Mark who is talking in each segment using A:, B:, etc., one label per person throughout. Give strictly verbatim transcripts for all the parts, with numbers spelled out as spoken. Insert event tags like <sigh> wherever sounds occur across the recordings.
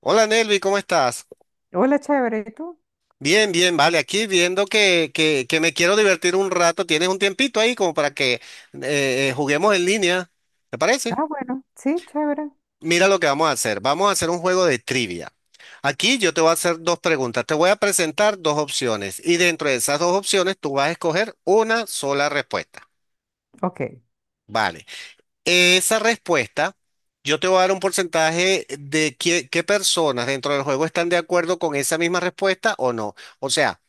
A: Hola Nelvi, ¿cómo estás?
B: Hola, chévere, ¿y tú?
A: Bien, bien, vale, aquí viendo que, que, que me quiero divertir un rato, ¿tienes un tiempito ahí como para que eh, eh, juguemos en línea? ¿Te parece?
B: Ah, bueno, sí, chévere.
A: Mira lo que vamos a hacer, vamos a hacer un juego de trivia. Aquí yo te voy a hacer dos preguntas, te voy a presentar dos opciones y dentro de esas dos opciones tú vas a escoger una sola respuesta.
B: Ok,
A: Vale, esa respuesta yo te voy a dar un porcentaje de qué, qué personas dentro del juego están de acuerdo con esa misma respuesta o no. O sea,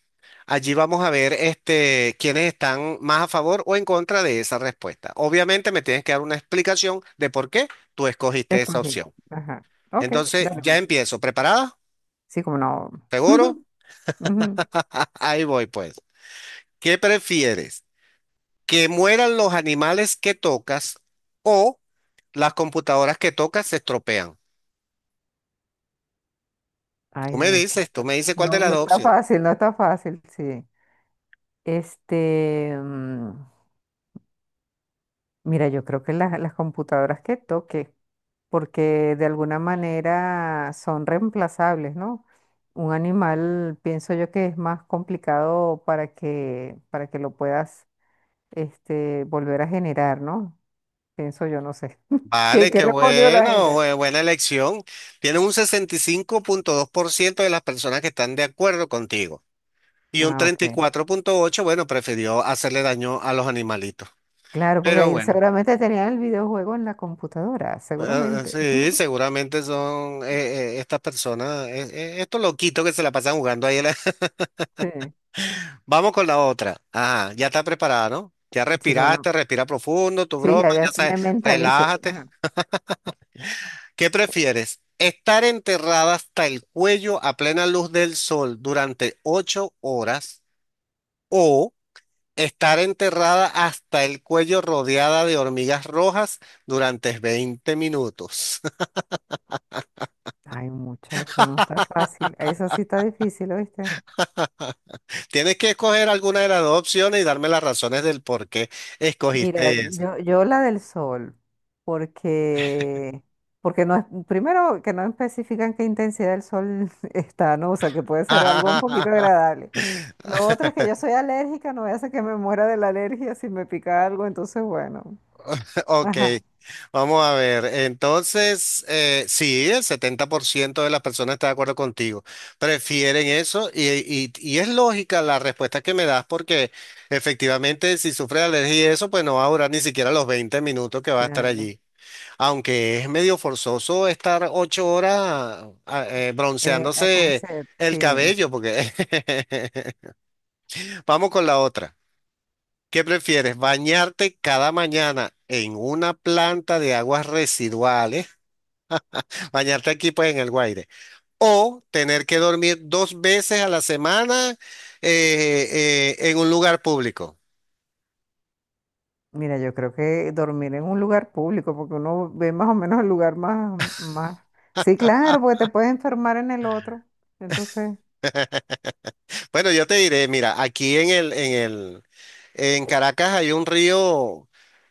A: allí vamos a ver este, quiénes están más a favor o en contra de esa respuesta. Obviamente me tienes que dar una explicación de por qué tú escogiste esa
B: escogí.
A: opción.
B: Ajá. Ok,
A: Entonces,
B: dale,
A: ya
B: pues.
A: empiezo. ¿Preparada?
B: Sí, como no.
A: ¿Seguro?
B: <laughs> Ujú.
A: <laughs> Ahí voy pues. ¿Qué prefieres? ¿Que mueran los animales que tocas o las computadoras que tocas se estropean? Tú
B: Ay,
A: me dices, tú
B: muchacho.
A: me dices cuál de
B: No,
A: las
B: no
A: dos
B: está
A: opciones.
B: fácil, no está fácil, sí. Este, mm, Mira, yo creo que las, las computadoras que toque, porque de alguna manera son reemplazables, ¿no? Un animal, pienso yo que es más complicado para que, para que lo puedas, este, volver a generar, ¿no? Pienso yo, no sé. <laughs> ¿Qué,
A: Vale,
B: qué
A: qué
B: respondió la
A: bueno,
B: gente?
A: bue- buena elección. Tienes un sesenta y cinco punto dos por ciento de las personas que están de acuerdo contigo. Y un
B: Ah, ok.
A: treinta y cuatro punto ocho bueno, prefirió hacerle daño a los animalitos.
B: Claro, porque
A: Pero
B: ahí
A: bueno,
B: seguramente tenían el videojuego en la computadora,
A: eh,
B: seguramente.
A: sí,
B: <laughs>
A: seguramente son eh, eh, estas personas, eh, eh, estos loquitos que se la pasan jugando ahí. <laughs>
B: Sí,
A: Vamos con la otra. Ajá, ya está preparada, ¿no? Ya
B: sí, bueno.
A: respiraste, respira profundo, tu
B: Sí,
A: broma,
B: ya,
A: ya
B: ya me
A: sabes,
B: mentalicé.
A: relájate.
B: Ajá.
A: ¿Qué prefieres? ¿Estar enterrada hasta el cuello a plena luz del sol durante ocho horas o... estar enterrada hasta el cuello rodeada de hormigas rojas durante veinte minutos?
B: Ay, muchacho, no está fácil. Eso sí está difícil, ¿oíste?
A: <laughs> Tienes que escoger alguna de las dos opciones y darme las razones del por qué
B: Mira,
A: escogiste eso.
B: yo, yo la del sol, porque, porque no es, primero que no especifican qué intensidad del sol <laughs> está, ¿no? O sea, que puede ser algo un poquito
A: <laughs>
B: agradable. Lo otro es que yo soy alérgica, no voy a hacer que me muera de la alergia si me pica algo, entonces bueno.
A: Ok,
B: Ajá,
A: vamos a ver. Entonces, eh, sí, el setenta por ciento de las personas está de acuerdo contigo. Prefieren eso y, y- y es lógica la respuesta que me das porque efectivamente si sufre de alergia y eso, pues no va a durar ni siquiera los veinte minutos que va a estar
B: claro.
A: allí. Aunque es medio forzoso estar ocho horas ah, eh,
B: En el
A: bronceándose
B: concepto,
A: el
B: sí.
A: cabello, porque <laughs> vamos con la otra. ¿Qué prefieres? ¿Bañarte cada mañana en una planta de aguas residuales? <laughs> Bañarte aquí pues en el Guaire. ¿O tener que dormir dos veces a la semana eh, eh, en un lugar público?
B: Mira, yo creo que dormir en un lugar público, porque uno ve más o menos el lugar más, más. Sí, claro, porque te puedes enfermar en el otro. Entonces.
A: Bueno, yo te diré, mira, aquí en el, en el, en Caracas hay un río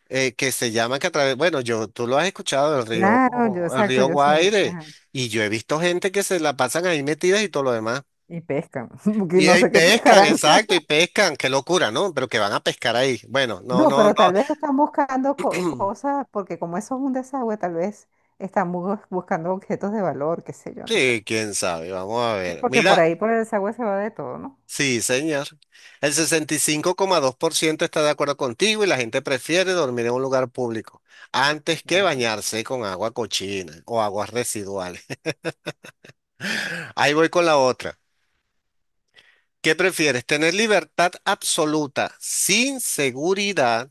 A: eh, que se llama que a través, bueno, yo, tú lo has escuchado, el río,
B: Claro, yo
A: el
B: exacto,
A: río
B: yo sé,
A: Guaire,
B: ajá.
A: y yo he visto gente que se la pasan ahí metidas y todo lo demás.
B: Y pescan, <laughs> porque
A: Y,
B: no
A: y
B: sé qué
A: pescan,
B: pescarán.
A: exacto, y
B: <laughs>
A: pescan, qué locura, ¿no? Pero que van a pescar ahí. Bueno, no,
B: No,
A: no, no.
B: pero tal vez están buscando co-
A: <clears throat>
B: cosas, porque como eso es un desagüe, tal vez están bu- buscando objetos de valor, qué sé yo, no sé.
A: Sí, quién sabe, vamos a
B: Sí,
A: ver.
B: porque
A: Mira,
B: por ahí, por el desagüe se va de todo, ¿no?
A: sí, señor. El sesenta y cinco coma dos por ciento está de acuerdo contigo y la gente prefiere dormir en un lugar público antes que
B: Claro.
A: bañarse con agua cochina o aguas residuales. <laughs> Ahí voy con la otra. ¿Qué prefieres? ¿Tener libertad absoluta sin seguridad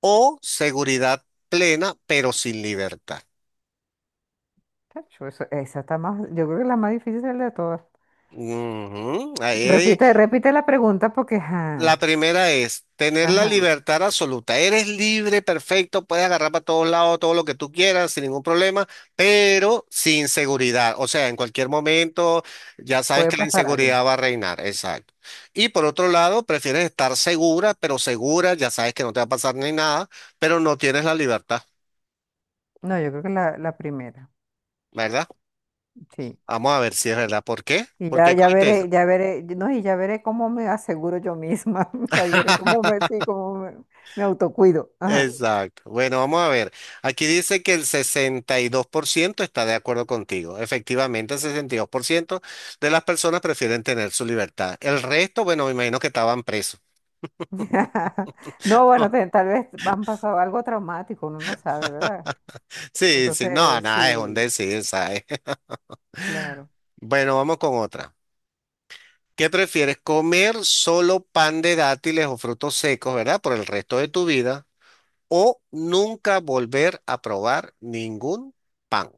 A: o seguridad plena pero sin libertad?
B: Chacho, eso- esa está más, yo creo que la más difícil es la de todas.
A: Ujú, ahí, ahí.
B: Repite, repite la pregunta porque, ajá,
A: La primera es tener la
B: ajá,
A: libertad absoluta. Eres libre, perfecto, puedes agarrar para todos lados todo lo que tú quieras sin ningún problema, pero sin seguridad. O sea, en cualquier momento ya sabes
B: puede
A: que la
B: pasar algo.
A: inseguridad va a reinar. Exacto. Y por otro lado, prefieres estar segura, pero segura, ya sabes que no te va a pasar ni nada, pero no tienes la libertad.
B: No, yo creo que la, la primera,
A: ¿Verdad?
B: sí.
A: Vamos a ver si es verdad. ¿Por qué?
B: Y
A: ¿Por
B: ya,
A: qué
B: ya
A: cogiste eso?
B: veré, ya veré, no, y ya veré cómo me aseguro yo misma. <laughs> Ahí veré cómo me, sí, cómo me, me autocuido. Ajá.
A: Exacto. Bueno, vamos a ver. Aquí dice que el sesenta y dos por ciento está de acuerdo contigo. Efectivamente, el sesenta y dos por ciento de las personas prefieren tener su libertad. El resto, bueno, me imagino que estaban presos.
B: <laughs> No, bueno, te-
A: <laughs>
B: tal vez han pasado algo traumático, uno no sabe, ¿verdad?
A: Sí, sí, no,
B: Entonces,
A: nada, es un
B: sí,
A: decir, ¿sabes? <laughs>
B: claro.
A: Bueno, vamos con otra. ¿Qué prefieres, comer solo pan de dátiles o frutos secos, ¿verdad? Por el resto de tu vida, o nunca volver a probar ningún pan?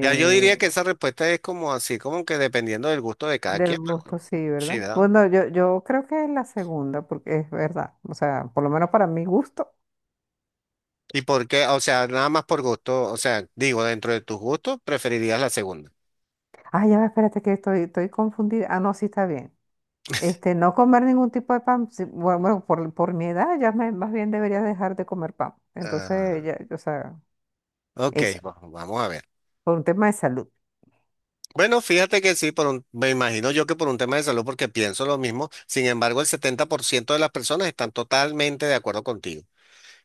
A: Ya yo diría que esa respuesta es como así, como que dependiendo del gusto de cada
B: Del
A: quien, pero
B: gusto, sí,
A: sí,
B: ¿verdad?
A: ¿verdad?
B: Bueno, yo, yo creo que es la segunda, porque es verdad. O sea, por lo menos para mi gusto.
A: ¿Y por qué? O sea, nada más por gusto, o sea, digo, dentro de tus gustos, preferirías la segunda.
B: Ah, ya va, espérate que estoy, estoy confundida. Ah, no, sí está bien. Este, no comer ningún tipo de pan, sí, bueno, bueno, por, por mi edad ya me- más bien debería dejar de comer pan. Entonces,
A: Ah,
B: ya, o sea,
A: ok,
B: eso,
A: va- vamos a ver.
B: por un tema de salud.
A: Bueno, fíjate que sí, por un- me imagino yo que por un tema de salud, porque pienso lo mismo. Sin embargo, el setenta por ciento de las personas están totalmente de acuerdo contigo.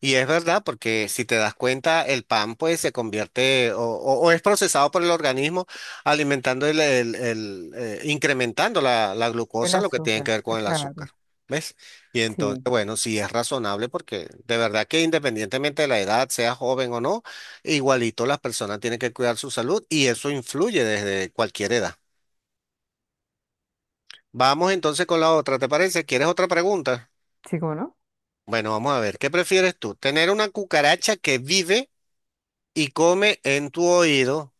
A: Y es verdad, porque si te das cuenta, el pan pues se convierte o, o- o es procesado por el organismo alimentando el, el- el, eh, incrementando la, la
B: El
A: glucosa, lo que tiene
B: azúcar,
A: que ver
B: eh,
A: con el azúcar.
B: claro.
A: ¿Ves? Y entonces,
B: Sí,
A: bueno, sí es razonable porque de verdad que independientemente de la edad, sea joven o no, igualito las personas tienen que cuidar su salud y eso influye desde cualquier edad. Vamos entonces con la otra, ¿te parece? ¿Quieres otra pregunta?
B: sí, ¿cómo no?
A: Bueno, vamos a ver, ¿qué prefieres tú? ¿Tener una cucaracha que vive y come en tu oído?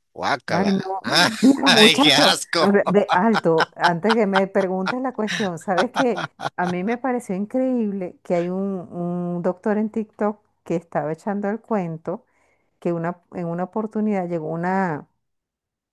B: Ay,
A: Guácala.
B: no.
A: Ah,
B: <laughs>
A: <laughs>
B: Mira,
A: ¡ay, qué
B: muchacho, a
A: asco!
B: ver, de alto, antes que me preguntes la cuestión, ¿sabes qué? A mí me pareció increíble que hay un, un doctor en TikTok que estaba echando el cuento que una, en una oportunidad llegó una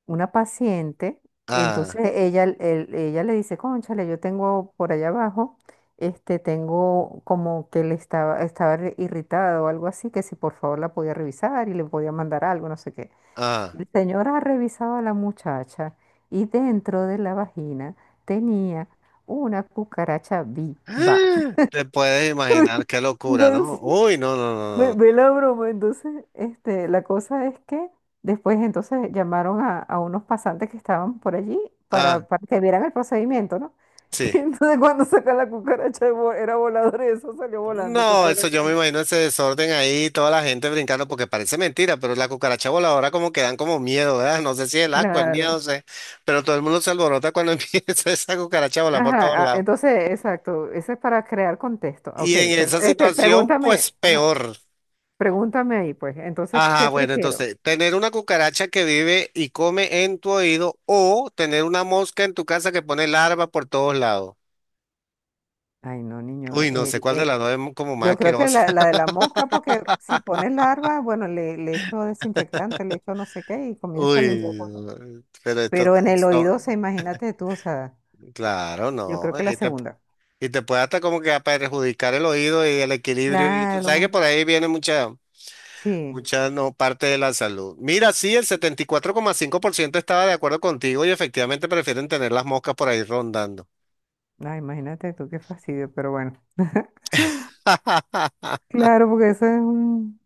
B: una paciente, entonces
A: Ah,
B: ella, el- ella le dice, cónchale, yo tengo por allá abajo, este, tengo como que le estaba, estaba re- irritada o algo así, que si por favor la podía revisar y le podía mandar algo, no sé qué.
A: ah.
B: La señora ha revisado a la muchacha y dentro de la vagina tenía una cucaracha viva.
A: Ah,
B: <laughs>
A: te puedes imaginar qué locura, ¿no?
B: Entonces,
A: Uy, no, no, no,
B: ve,
A: no. No.
B: ve la broma, entonces, este, la cosa es que después entonces llamaron a, a unos pasantes que estaban por allí
A: Ah,
B: para, para que vieran el procedimiento, ¿no? <laughs>
A: sí.
B: Y entonces cuando saca la cucaracha de vo- era voladora y eso salió volando, te
A: No,
B: podrás
A: eso yo me
B: imaginar.
A: imagino ese desorden ahí, toda la gente brincando, porque parece mentira, pero la cucaracha voladora como que dan como miedo, ¿verdad? No sé si el asco, el miedo,
B: Claro.
A: no sé, pero todo el mundo se alborota cuando <laughs> empieza esa cucaracha a volar por todos
B: Ajá, ah,
A: lados.
B: entonces, exacto, eso es para crear contexto.
A: Y
B: Ok,
A: en
B: pero,
A: esa
B: este,
A: situación,
B: pregúntame,
A: pues
B: ajá,
A: peor.
B: pregúntame ahí, pues, entonces,
A: Ajá,
B: ¿qué
A: bueno,
B: prefiero?
A: entonces, tener una cucaracha que vive y come en tu oído o tener una mosca en tu casa que pone larva por todos lados.
B: Ay, no, niño,
A: Uy, no
B: eh,
A: sé cuál de
B: el,
A: las dos es mu- como más
B: yo creo que
A: asquerosa.
B: la, la
A: <laughs>
B: de la mosca, porque si pones larva, bueno, le, le echo desinfectante, le echo no sé qué y comienzo a limpiar
A: Uy,
B: cosas.
A: no, pero esto,
B: Pero en el
A: esto-
B: oído, o sea, imagínate tú, o sea,
A: claro,
B: yo
A: no.
B: creo que la
A: Y te,
B: segunda.
A: y te puede hasta como que a perjudicar el oído y el equilibrio. Y tú sabes que
B: Claro,
A: por ahí viene mucha,
B: sí.
A: mucha no, parte de la salud. Mira, sí, el setenta y cuatro coma cinco por ciento estaba de acuerdo contigo y efectivamente prefieren tener las moscas por ahí rondando.
B: Ay, imagínate tú, qué fastidio, pero bueno. <laughs>
A: <laughs>
B: Claro, porque eso es un...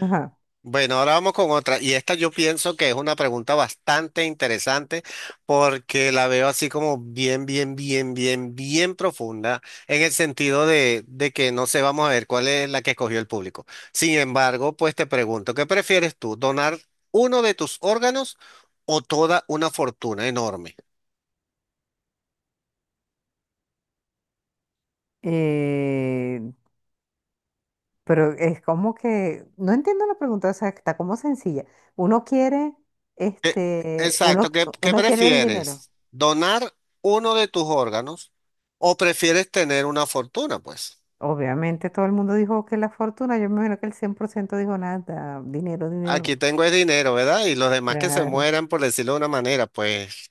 B: Ajá.
A: Bueno, ahora vamos con otra. Y esta yo pienso que es una pregunta bastante interesante porque la veo así como bien, bien, bien, bien, bien profunda en el sentido de, de que no sé, vamos a ver cuál es la que escogió el público. Sin embargo, pues te pregunto, ¿qué prefieres tú? ¿Donar uno de tus órganos o toda una fortuna enorme?
B: Eh, pero es como que no entiendo la pregunta, o sea, está como sencilla. Uno quiere,
A: ¿Qué-
B: este,
A: exacto,
B: uno,
A: ¿qué, qué
B: uno quiere el dinero.
A: prefieres? ¿Donar uno de tus órganos o prefieres tener una fortuna, pues?
B: Obviamente todo el mundo dijo que la fortuna, yo me imagino que el cien por ciento dijo nada, dinero, dinero.
A: Aquí tengo el dinero, ¿verdad? Y los demás que se
B: Claro.
A: mueran, por decirlo de una manera, pues.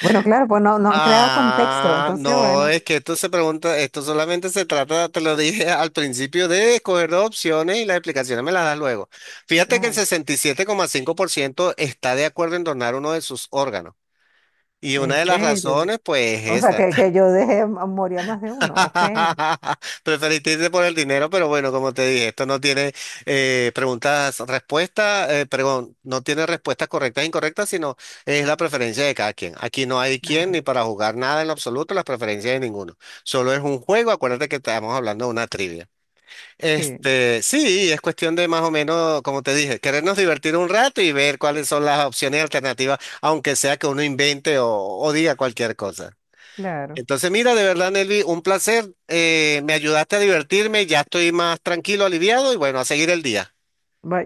B: Bueno, claro, pues no, no han creado contexto,
A: Ah,
B: entonces
A: no,
B: bueno,
A: es que esto se pregunta, esto solamente se trata, te lo dije <laughs> al principio, de escoger dos opciones y las explicaciones me las das luego. Fíjate que el
B: ajá,
A: sesenta y siete coma cinco por ciento está de acuerdo en donar uno de sus órganos. Y
B: en
A: una de las
B: serio.
A: razones, pues, es
B: O sea,
A: esta.
B: que, que yo dejé a morir a más de uno, ok,
A: <laughs> Preferiste irte por el dinero, pero bueno, como te dije, esto no tiene eh, preguntas, respuestas, eh, perdón, no tiene respuestas correctas e incorrectas, sino es la preferencia de cada quien. Aquí no hay quien ni
B: claro,
A: para jugar nada en lo absoluto, las preferencias de ninguno. Solo es un juego, acuérdate que estamos hablando de una trivia.
B: sí,
A: Este, sí, es cuestión de más o menos, como te dije, querernos divertir un rato y ver cuáles son las opciones alternativas, aunque sea que uno invente o o diga cualquier cosa.
B: claro.
A: Entonces, mira, de verdad, Nelvi, un placer. Eh, me ayudaste a divertirme, ya estoy más tranquilo, aliviado y bueno, a seguir el día.
B: Va-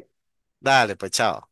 A: Dale, pues chao.